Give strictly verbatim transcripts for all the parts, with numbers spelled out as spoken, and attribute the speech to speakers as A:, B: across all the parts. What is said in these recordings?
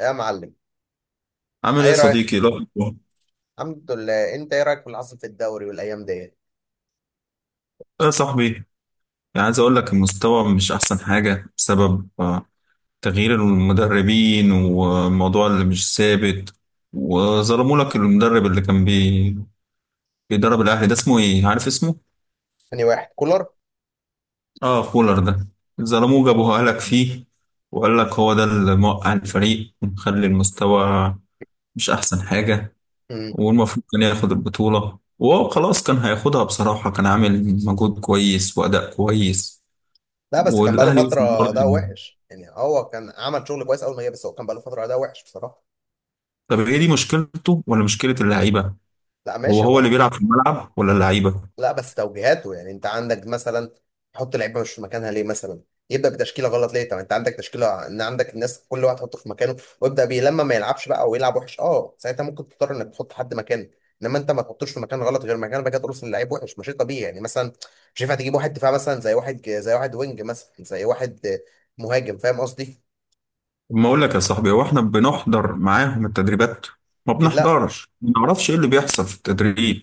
A: يا معلم،
B: عامل ايه يا
A: ايه رايك؟
B: صديقي؟ لا والله.
A: الحمد لله. انت ايه رايك في اللي حصل في الدوري والايام دي؟
B: ايه يا صاحبي، يعني عايز اقول لك المستوى مش احسن حاجة بسبب آه، تغيير المدربين والموضوع اللي مش ثابت. وظلموا لك المدرب اللي كان بي... بيدرب الاهلي ده، اسمه ايه؟ عارف اسمه؟
A: تاني واحد، كولر.
B: اه، فولر ده. ظلموه، جابوه لك فيه وقال لك هو ده اللي موقع الفريق ومخلي المستوى مش احسن حاجة.
A: امم.
B: والمفروض كان ياخد البطولة، وهو خلاص كان هياخدها، بصراحة كان عامل مجهود كويس وأداء كويس.
A: لا، بس كان بقاله
B: والاهلي وصل
A: فتره
B: دور
A: ده
B: الابطال.
A: وحش، يعني هو كان عمل شغل كويس اول ما جه، بس هو كان بقاله فتره ده وحش بصراحه.
B: طب هي دي مشكلته ولا مشكله اللعيبه؟
A: لا،
B: هو
A: ماشي
B: هو اللي
A: هو.
B: بيلعب في الملعب ولا اللعيبه؟
A: لا، بس توجيهاته يعني، انت عندك مثلا تحط لعيبه مش في مكانها ليه؟ مثلا يبدا بتشكيله غلط ليه؟ طب انت عندك تشكيله، ان عندك الناس كل واحد تحطه في مكانه ويبدا بيه. لما ما يلعبش بقى او يلعب وحش، اه ساعتها ممكن تضطر انك تحط حد مكانه. انما انت ما تحطوش في مكان غلط، غير مكان بقى كده ترسل لعيب وحش مش طبيعي. يعني مثلا مش ينفع تجيب واحد دفاع مثلا، زي واحد، زي واحد وينج مثلا، زي واحد مهاجم. فاهم قصدي؟
B: ما اقول لك يا صاحبي، هو احنا بنحضر معاهم التدريبات؟ ما
A: اكيد لا.
B: بنحضرش، ما نعرفش ايه اللي بيحصل في التدريب.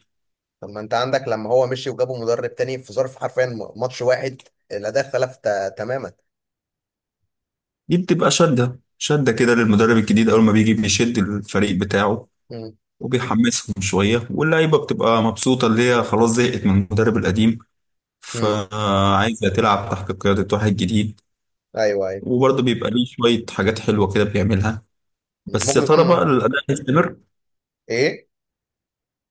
A: طب ما انت عندك، لما هو مشي وجابوا مدرب تاني، في ظرف حرفيا ماتش واحد، الاداء اختلف تا- تماما.
B: دي بتبقى شده شده كده للمدرب الجديد، اول ما بيجي بيشد الفريق بتاعه وبيحمسهم شويه، واللعيبه بتبقى مبسوطه اللي هي خلاص زهقت من المدرب القديم،
A: امم.
B: فعايزه تلعب تحت قياده واحد جديد.
A: ايوه، ايوه.
B: وبرضه بيبقى ليه شويه حاجات حلوه كده بيعملها. بس يا
A: ممكن
B: ترى بقى
A: يكون.
B: الاداء هيستمر؟
A: ايه؟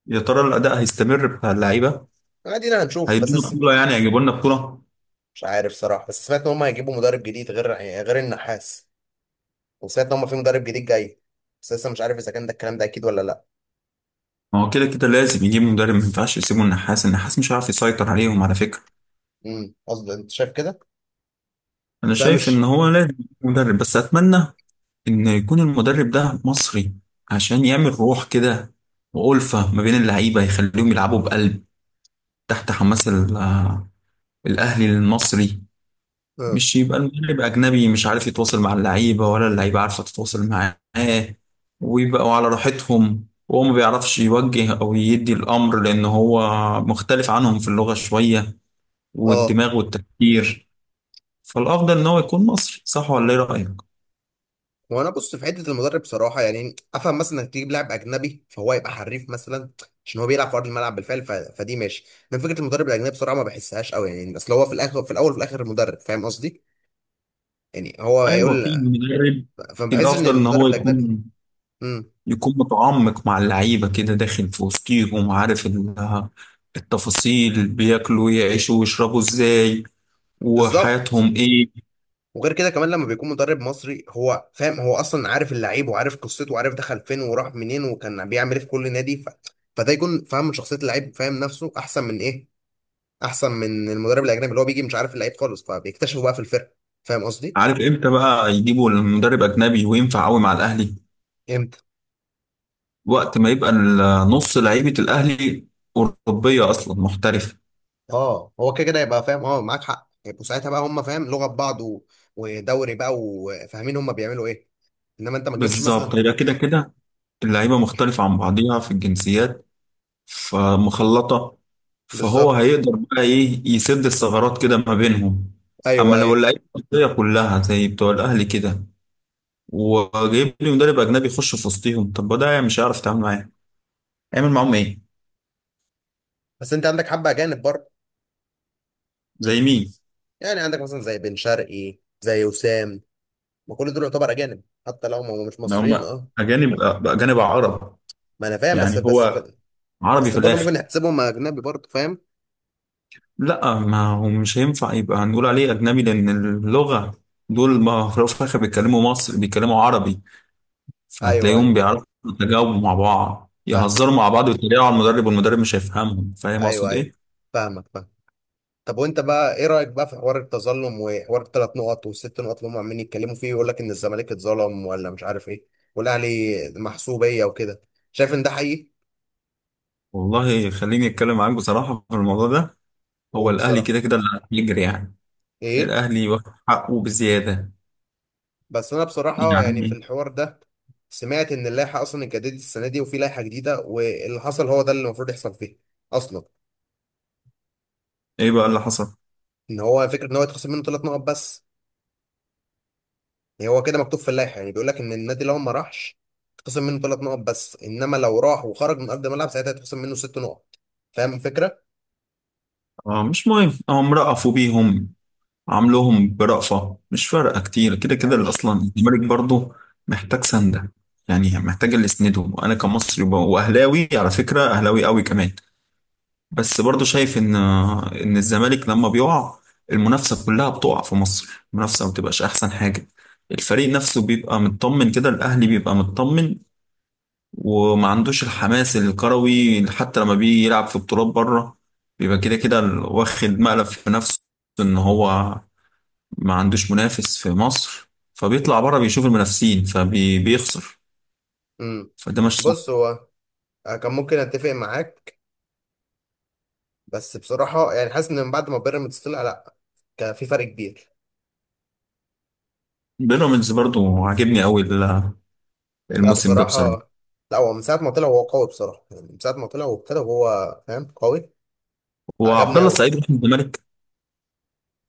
B: يا ترى الاداء هيستمر بتاع اللعيبه؟
A: ادينا هنشوف، بس
B: هيدونا
A: اسم-
B: بطوله؟ يعني هيجيبوا لنا بطوله؟
A: مش عارف صراحه، بس سمعت ان هم هيجيبوا مدرب جديد غير غير النحاس. وسمعت ان هم في مدرب جديد جاي، بس لسه مش عارف اذا كان ده الكلام، ده اكيد ولا لا.
B: ما هو كده كده لازم يجيب مدرب، ما ينفعش يسيبوا النحاس. النحاس مش هيعرف يسيطر عليهم على فكره.
A: امم قصدي انت شايف كده؟
B: انا
A: بس انا
B: شايف ان
A: مش.
B: هو لازم يجيب مدرب، بس اتمنى ان يكون المدرب ده مصري، عشان يعمل روح كده وألفة ما بين اللعيبه، يخليهم يلعبوا بقلب تحت حماس ال- آه، الاهلي المصري.
A: اه،
B: مش يبقى المدرب أجنبي مش عارف يتواصل مع اللعيبة، ولا اللعيبة عارفة تتواصل معاه، ويبقوا على راحتهم وهو ما بيعرفش يوجه أو يدي الأمر، لأن هو مختلف عنهم في اللغة شوية
A: اه.
B: والدماغ والتفكير. فالأفضل إن هو يكون مصري، صح ولا إيه رأيك؟
A: وانا بص في حته المدرب صراحه، يعني افهم مثلا انك تجيب لاعب اجنبي فهو يبقى حريف مثلا، عشان هو بيلعب في ارض الملعب بالفعل، ف... فدي ماشي. لكن فكره المدرب الاجنبي بصراحه ما بحسهاش قوي، يعني اصل هو في الاخر، في الاول وفي الاخر مدرب. فاهم قصدي؟ يعني هو
B: أيوة،
A: هيقول.
B: في المدرب
A: فما بحسش ان
B: الأفضل إن هو
A: المدرب الاجنبي.
B: يكون
A: امم.
B: يكون متعمق مع اللعيبة كده، داخل في وسطيهم، عارف ال- التفاصيل، بياكلوا يعيشوا ويشربوا إزاي،
A: بالظبط.
B: وحياتهم إيه.
A: وغير كده كمان، لما بيكون مدرب مصري هو فاهم، هو اصلا عارف اللعيب وعارف قصته وعارف دخل فين وراح منين وكان بيعمل ايه في كل نادي. ف... فده يكون فاهم من شخصيه اللعيب، فاهم نفسه احسن من ايه، احسن من المدرب الاجنبي اللي هو بيجي مش عارف اللعيب خالص فبيكتشفه بقى في الفرقه. فاهم قصدي؟
B: عارف امتى بقى يجيبوا المدرب اجنبي وينفع قوي مع الاهلي؟
A: امتى؟
B: وقت ما يبقى ال- نص لعيبه الاهلي اوروبيه اصلا محترفه.
A: اه، هو كده كده يبقى فاهم، اه معاك حق، يبقوا ساعتها بقى هم فاهم لغه ببعض و... ودوري بقى، وفاهمين هم بيعملوا ايه. انما انت ما تجيبش
B: بالظبط،
A: مثلا.
B: يبقى كده كده اللعيبه مختلفه عن بعضيها في الجنسيات، فمخلطه، فهو
A: بالظبط.
B: هيقدر بقى ايه، يسد الثغرات كده ما بينهم. اما
A: ايوه،
B: لو
A: ايوه.
B: اللعيبه المصريه كلها زي بتوع الاهلي كده، وجايب لي مدرب اجنبي يخش في وسطهم، طب ما ده مش هيعرف يتعامل معاهم، هيعمل معاهم ايه؟
A: بس انت عندك حبه اجانب برضه.
B: زي مين؟
A: يعني عندك مثلا، زي بن شرقي، زي وسام. ما كل دول يعتبر اجانب، حتى لو هم مش
B: إن
A: مصريين،
B: هم
A: اه.
B: اجانب؟
A: هم-
B: اجانب عرب،
A: ما انا فاهم، بس
B: يعني
A: بس
B: هو عربي
A: بس
B: في
A: برضه ممكن
B: الآخر.
A: نحسبهم اجنبي برضه، فاهم.
B: لا، ما هو مش هينفع يبقى هنقول عليه أجنبي، لأن اللغة دول ما في الأول وفي الآخر بيتكلموا مصري، بيتكلموا عربي.
A: ايوه،
B: هتلاقيهم
A: ايوه.
B: بيعرفوا يتجاوبوا مع بعض،
A: فاهمك.
B: يهزروا مع بعض ويتريقوا على المدرب، والمدرب مش هيفهمهم. فاهم
A: ايوه،
B: أقصد
A: ايوه.
B: إيه؟
A: فاهمك، فاهم. طب وانت بقى ايه رايك بقى في حوار التظلم وحوار الثلاث نقط والست نقط اللي هم عمالين يتكلموا فيه، ويقول لك ان الزمالك اتظلم ولا مش عارف ايه، والاهلي محسوبيه وكده. شايف ان ده حقيقي؟
B: والله خليني أتكلم معاك بصراحة في الموضوع ده. هو
A: قول
B: الأهلي
A: بصراحه.
B: كده كده اللي هيجري يعني،
A: ايه؟
B: الأهلي واخد حقه بزيادة.
A: بس انا بصراحه، يعني في
B: يعني
A: الحوار ده، سمعت ان اللائحه اصلا اتجددت السنه دي وفي لائحه جديده، واللي حصل هو ده اللي المفروض يحصل فيها اصلا.
B: إيه بقى اللي حصل؟
A: ان هو فكره ان هو يتخصم منه ثلاث نقط بس. يعني هو كده مكتوب في اللائحه، يعني بيقول لك ان النادي لو ما راحش يتخصم منه ثلاث نقط بس. انما لو راح وخرج من ارض الملعب ساعتها يتخصم منه ست نقط. فاهم الفكره؟
B: آه، مش مهم، هم رأفوا بيهم، عاملهم برأفة، مش فارقة كتير. كده
A: انا
B: كده اللي
A: مش.
B: أصلا الزمالك برضه محتاج سندة، يعني محتاج اللي يسنده. وأنا كمصري وب- وأهلاوي، على فكرة أهلاوي قوي كمان، بس برضه شايف إن إن الزمالك لما بيقع، المنافسة كلها بتقع في مصر، المنافسة ما بتبقاش أحسن حاجة. الفريق نفسه بيبقى مطمن كده، الأهلي بيبقى مطمن وما عندوش الحماس الكروي، حتى لما بيجي يلعب في بطولات بره بيبقى كده كده واخد مقلب في نفسه إن هو ما عندوش منافس في مصر، فبيطلع بره بيشوف المنافسين فبيخسر.
A: امم.
B: فده مش
A: بص،
B: صح.
A: هو. أنا كان ممكن اتفق معاك، بس بصراحه يعني حاسس ان من بعد ما بيراميدز طلع، لا، كان في فرق كبير.
B: بيراميدز برضو عاجبني قوي ال-
A: لا
B: الموسم ده بصراحه.
A: بصراحة. لا، هو من ساعة ما طلع هو قوي بصراحة، يعني من ساعة ما طلع وابتدى، وهو فاهم قوي.
B: وعبد
A: عجبني
B: الله
A: أوي.
B: السعيد راح الزمالك.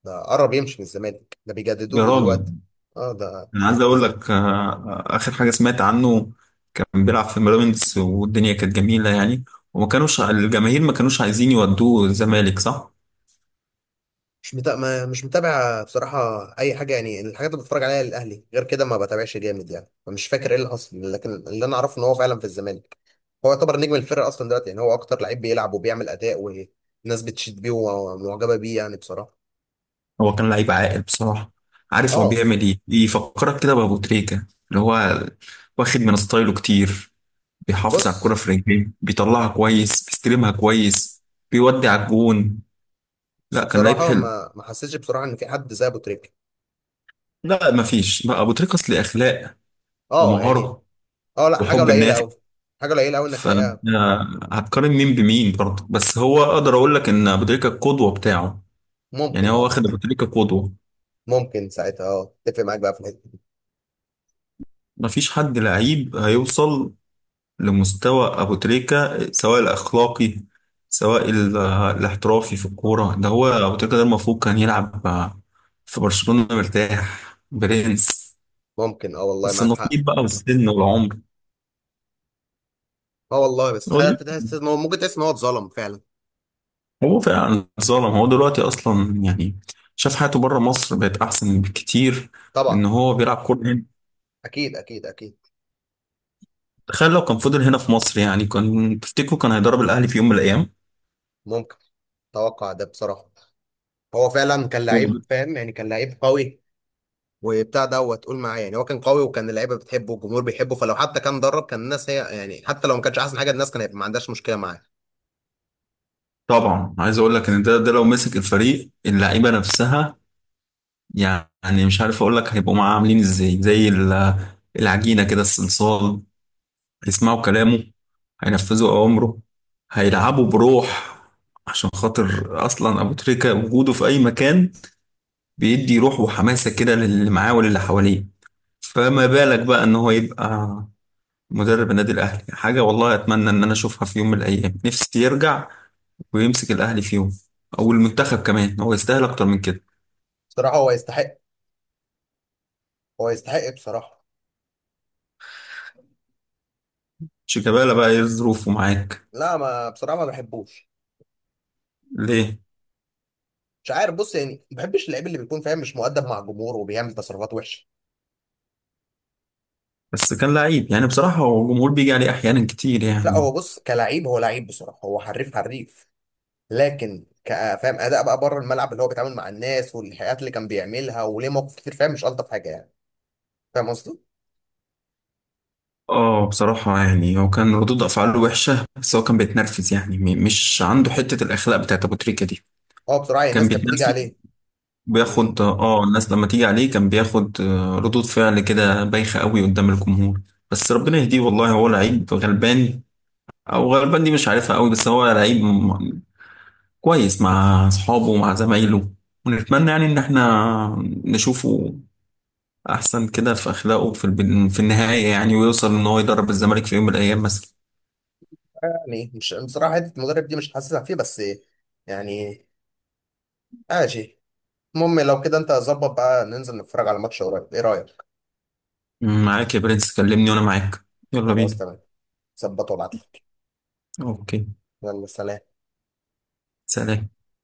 A: ده قرب يمشي من الزمالك، ده بيجددوا
B: يا
A: له
B: راجل،
A: دلوقتي. اه، ده
B: انا عايز اقول
A: لازم.
B: لك آه، آه، اخر حاجه سمعت عنه كان بيلعب في بيراميدز والدنيا كانت جميله يعني، وما كانوش الجماهير، ما كانوش عايزين يودوه الزمالك، صح؟
A: مش متابع، ما مش متابع بصراحة. أي حاجة يعني، الحاجات اللي بتفرج عليها للأهلي غير كده ما بتابعش جامد يعني، فمش فاكر إيه اللي حصل، لكن اللي أنا أعرفه إن هو فعلا في الزمالك، هو يعتبر نجم الفرقة أصلا دلوقتي، يعني هو أكتر لعيب بيلعب وبيعمل أداء، والناس بتشيد بيه ومعجبة بيه يعني بصراحة.
B: هو كان لعيب عاقل بصراحه، عارف هو
A: اه،
B: بيعمل ايه، يفكرك كده بابو تريكه، اللي هو واخد من ستايله كتير، بيحافظ على الكرة
A: بص.
B: في رجليه، بيطلعها كويس، بيستلمها كويس، بيودي على الجون.
A: بس
B: لا، كان لعيب
A: بصراحة
B: حلو.
A: ما ما حسيتش بصراحة إن في حد زي أبو تريكة.
B: لا، مفيش، لا، ابو تريكس ليه اخلاق
A: أه يعني.
B: ومهارة
A: أه، لا، حاجة
B: وحب
A: قليلة
B: الناس.
A: أوي. حاجة قليلة أوي إنك
B: فأنا
A: تلاقيها.
B: هتقارن مين بمين؟ برضه بس هو اقدر اقول لك ان ابو تريكة القدوة بتاعه، يعني
A: ممكن،
B: هو
A: أه.
B: واخد ابو تريكة قدوة.
A: ممكن ساعتها أه، أتفق معاك بقى في الحتة دي.
B: مفيش حد لعيب هيوصل لمستوى أبو تريكة، سواء الأخلاقي سواء ال- الاحترافي في الكورة. ده هو أبو تريكة، ده المفروض كان يلعب في برشلونة مرتاح، برنس.
A: ممكن، أه والله
B: بس
A: معاك حق.
B: النصيب بقى والسن والعمر.
A: أه والله، بس
B: هو
A: حاجة
B: دلوقتي-
A: تحس إن هو، ممكن تحس إن هو اتظلم فعلا.
B: هو فعلا ظالم. هو دلوقتي أصلا يعني شاف حياته بره مصر بقت أحسن بكتير من
A: طبعا.
B: إن هو بيلعب كورة هنا.
A: أكيد، أكيد، أكيد.
B: تخيل لو كان فضل هنا في مصر، يعني كان تفتكروا كان هيدرب الأهلي في يوم من الأيام؟
A: ممكن. أتوقع ده بصراحة. هو فعلا كان لعيب فاهم، يعني كان لعيب قوي. وبتاع دوت تقول معايا، يعني هو كان قوي، وكان اللعيبه بتحبه والجمهور بيحبه، فلو حتى كان درب كان الناس هي يعني، حتى لو ما كانش احسن حاجه، الناس كان هيبقى ما عندهاش مشكله معاه.
B: طبعا، عايز اقول لك ان ده ده لو مسك الفريق اللعيبه نفسها، يعني مش عارف اقول لك هيبقوا معاه عاملين ازاي، زي ال- العجينة كده، الصلصال، هيسمعوا كلامه، هينفذوا اوامره، هيلعبوا بروح، عشان خاطر اصلا ابو تريكة وجوده في اي مكان بيدي روح وحماسة كده للي معاه وللي حواليه. فما بالك بقى ان هو يبقى مدرب النادي الاهلي، حاجة والله اتمنى ان انا اشوفها في يوم من الايام، نفسي يرجع ويمسك الاهلي في يوم، او المنتخب كمان، هو يستاهل اكتر من كده.
A: بصراحه هو يستحق. هو يستحق بصراحة.
B: شيكابالا بقى، ايه ظروفه معاك؟
A: لا، ما بصراحة ما بحبوش.
B: ليه؟
A: مش عارف، بص يعني، ما بحبش اللعيب اللي بيكون فاهم مش مؤدب مع الجمهور وبيعمل تصرفات وحشة.
B: بس كان لعيب يعني، بصراحة هو الجمهور بيجي عليه أحيانا كتير
A: لا
B: يعني.
A: هو بص، كلعيب هو لعيب بصراحة، هو حريف حريف. لكن كفاهم أداء بقى بره الملعب، اللي هو بيتعامل مع الناس والحاجات اللي كان بيعملها وليه مواقف كتير، فاهم مش ألطف حاجة يعني. فاهم قصدي؟
B: اه، بصراحة يعني هو كان ردود أفعاله وحشة، بس هو كان بيتنرفز يعني، م- مش عنده حتة الأخلاق بتاعت أبو تريكة دي.
A: هو بصراحة، يعني
B: كان
A: الناس كانت
B: بيتنرفز،
A: بتيجي عليه.
B: بياخد
A: يعني.
B: اه، الناس لما تيجي عليه كان بياخد آه، ردود فعل كده بايخة قوي قدام الجمهور. بس ربنا يهديه والله. هو لعيب غلبان، أو غلبان دي مش عارفها قوي، بس هو لعيب م- كويس مع أصحابه ومع زمايله. ونتمنى يعني إن احنا نشوفه احسن كده في اخلاقه في الب- في النهايه يعني، ويوصل ان هو يدرب الزمالك في يوم من الايام مثلا.
A: يعني مش بصراحة، حتة المدرب دي مش حاسسها فيه بس. يعني. ماشي. المهم لو كده أنت ظبط بقى، ننزل نتفرج على ماتش قريب، إيه رأيك؟
B: معاك يا برنس، كلمني وانا معاك. يلا
A: خلاص
B: بينا.
A: تمام. ظبط وابعتلي.
B: اوكي،
A: يلا سلام.
B: سلام.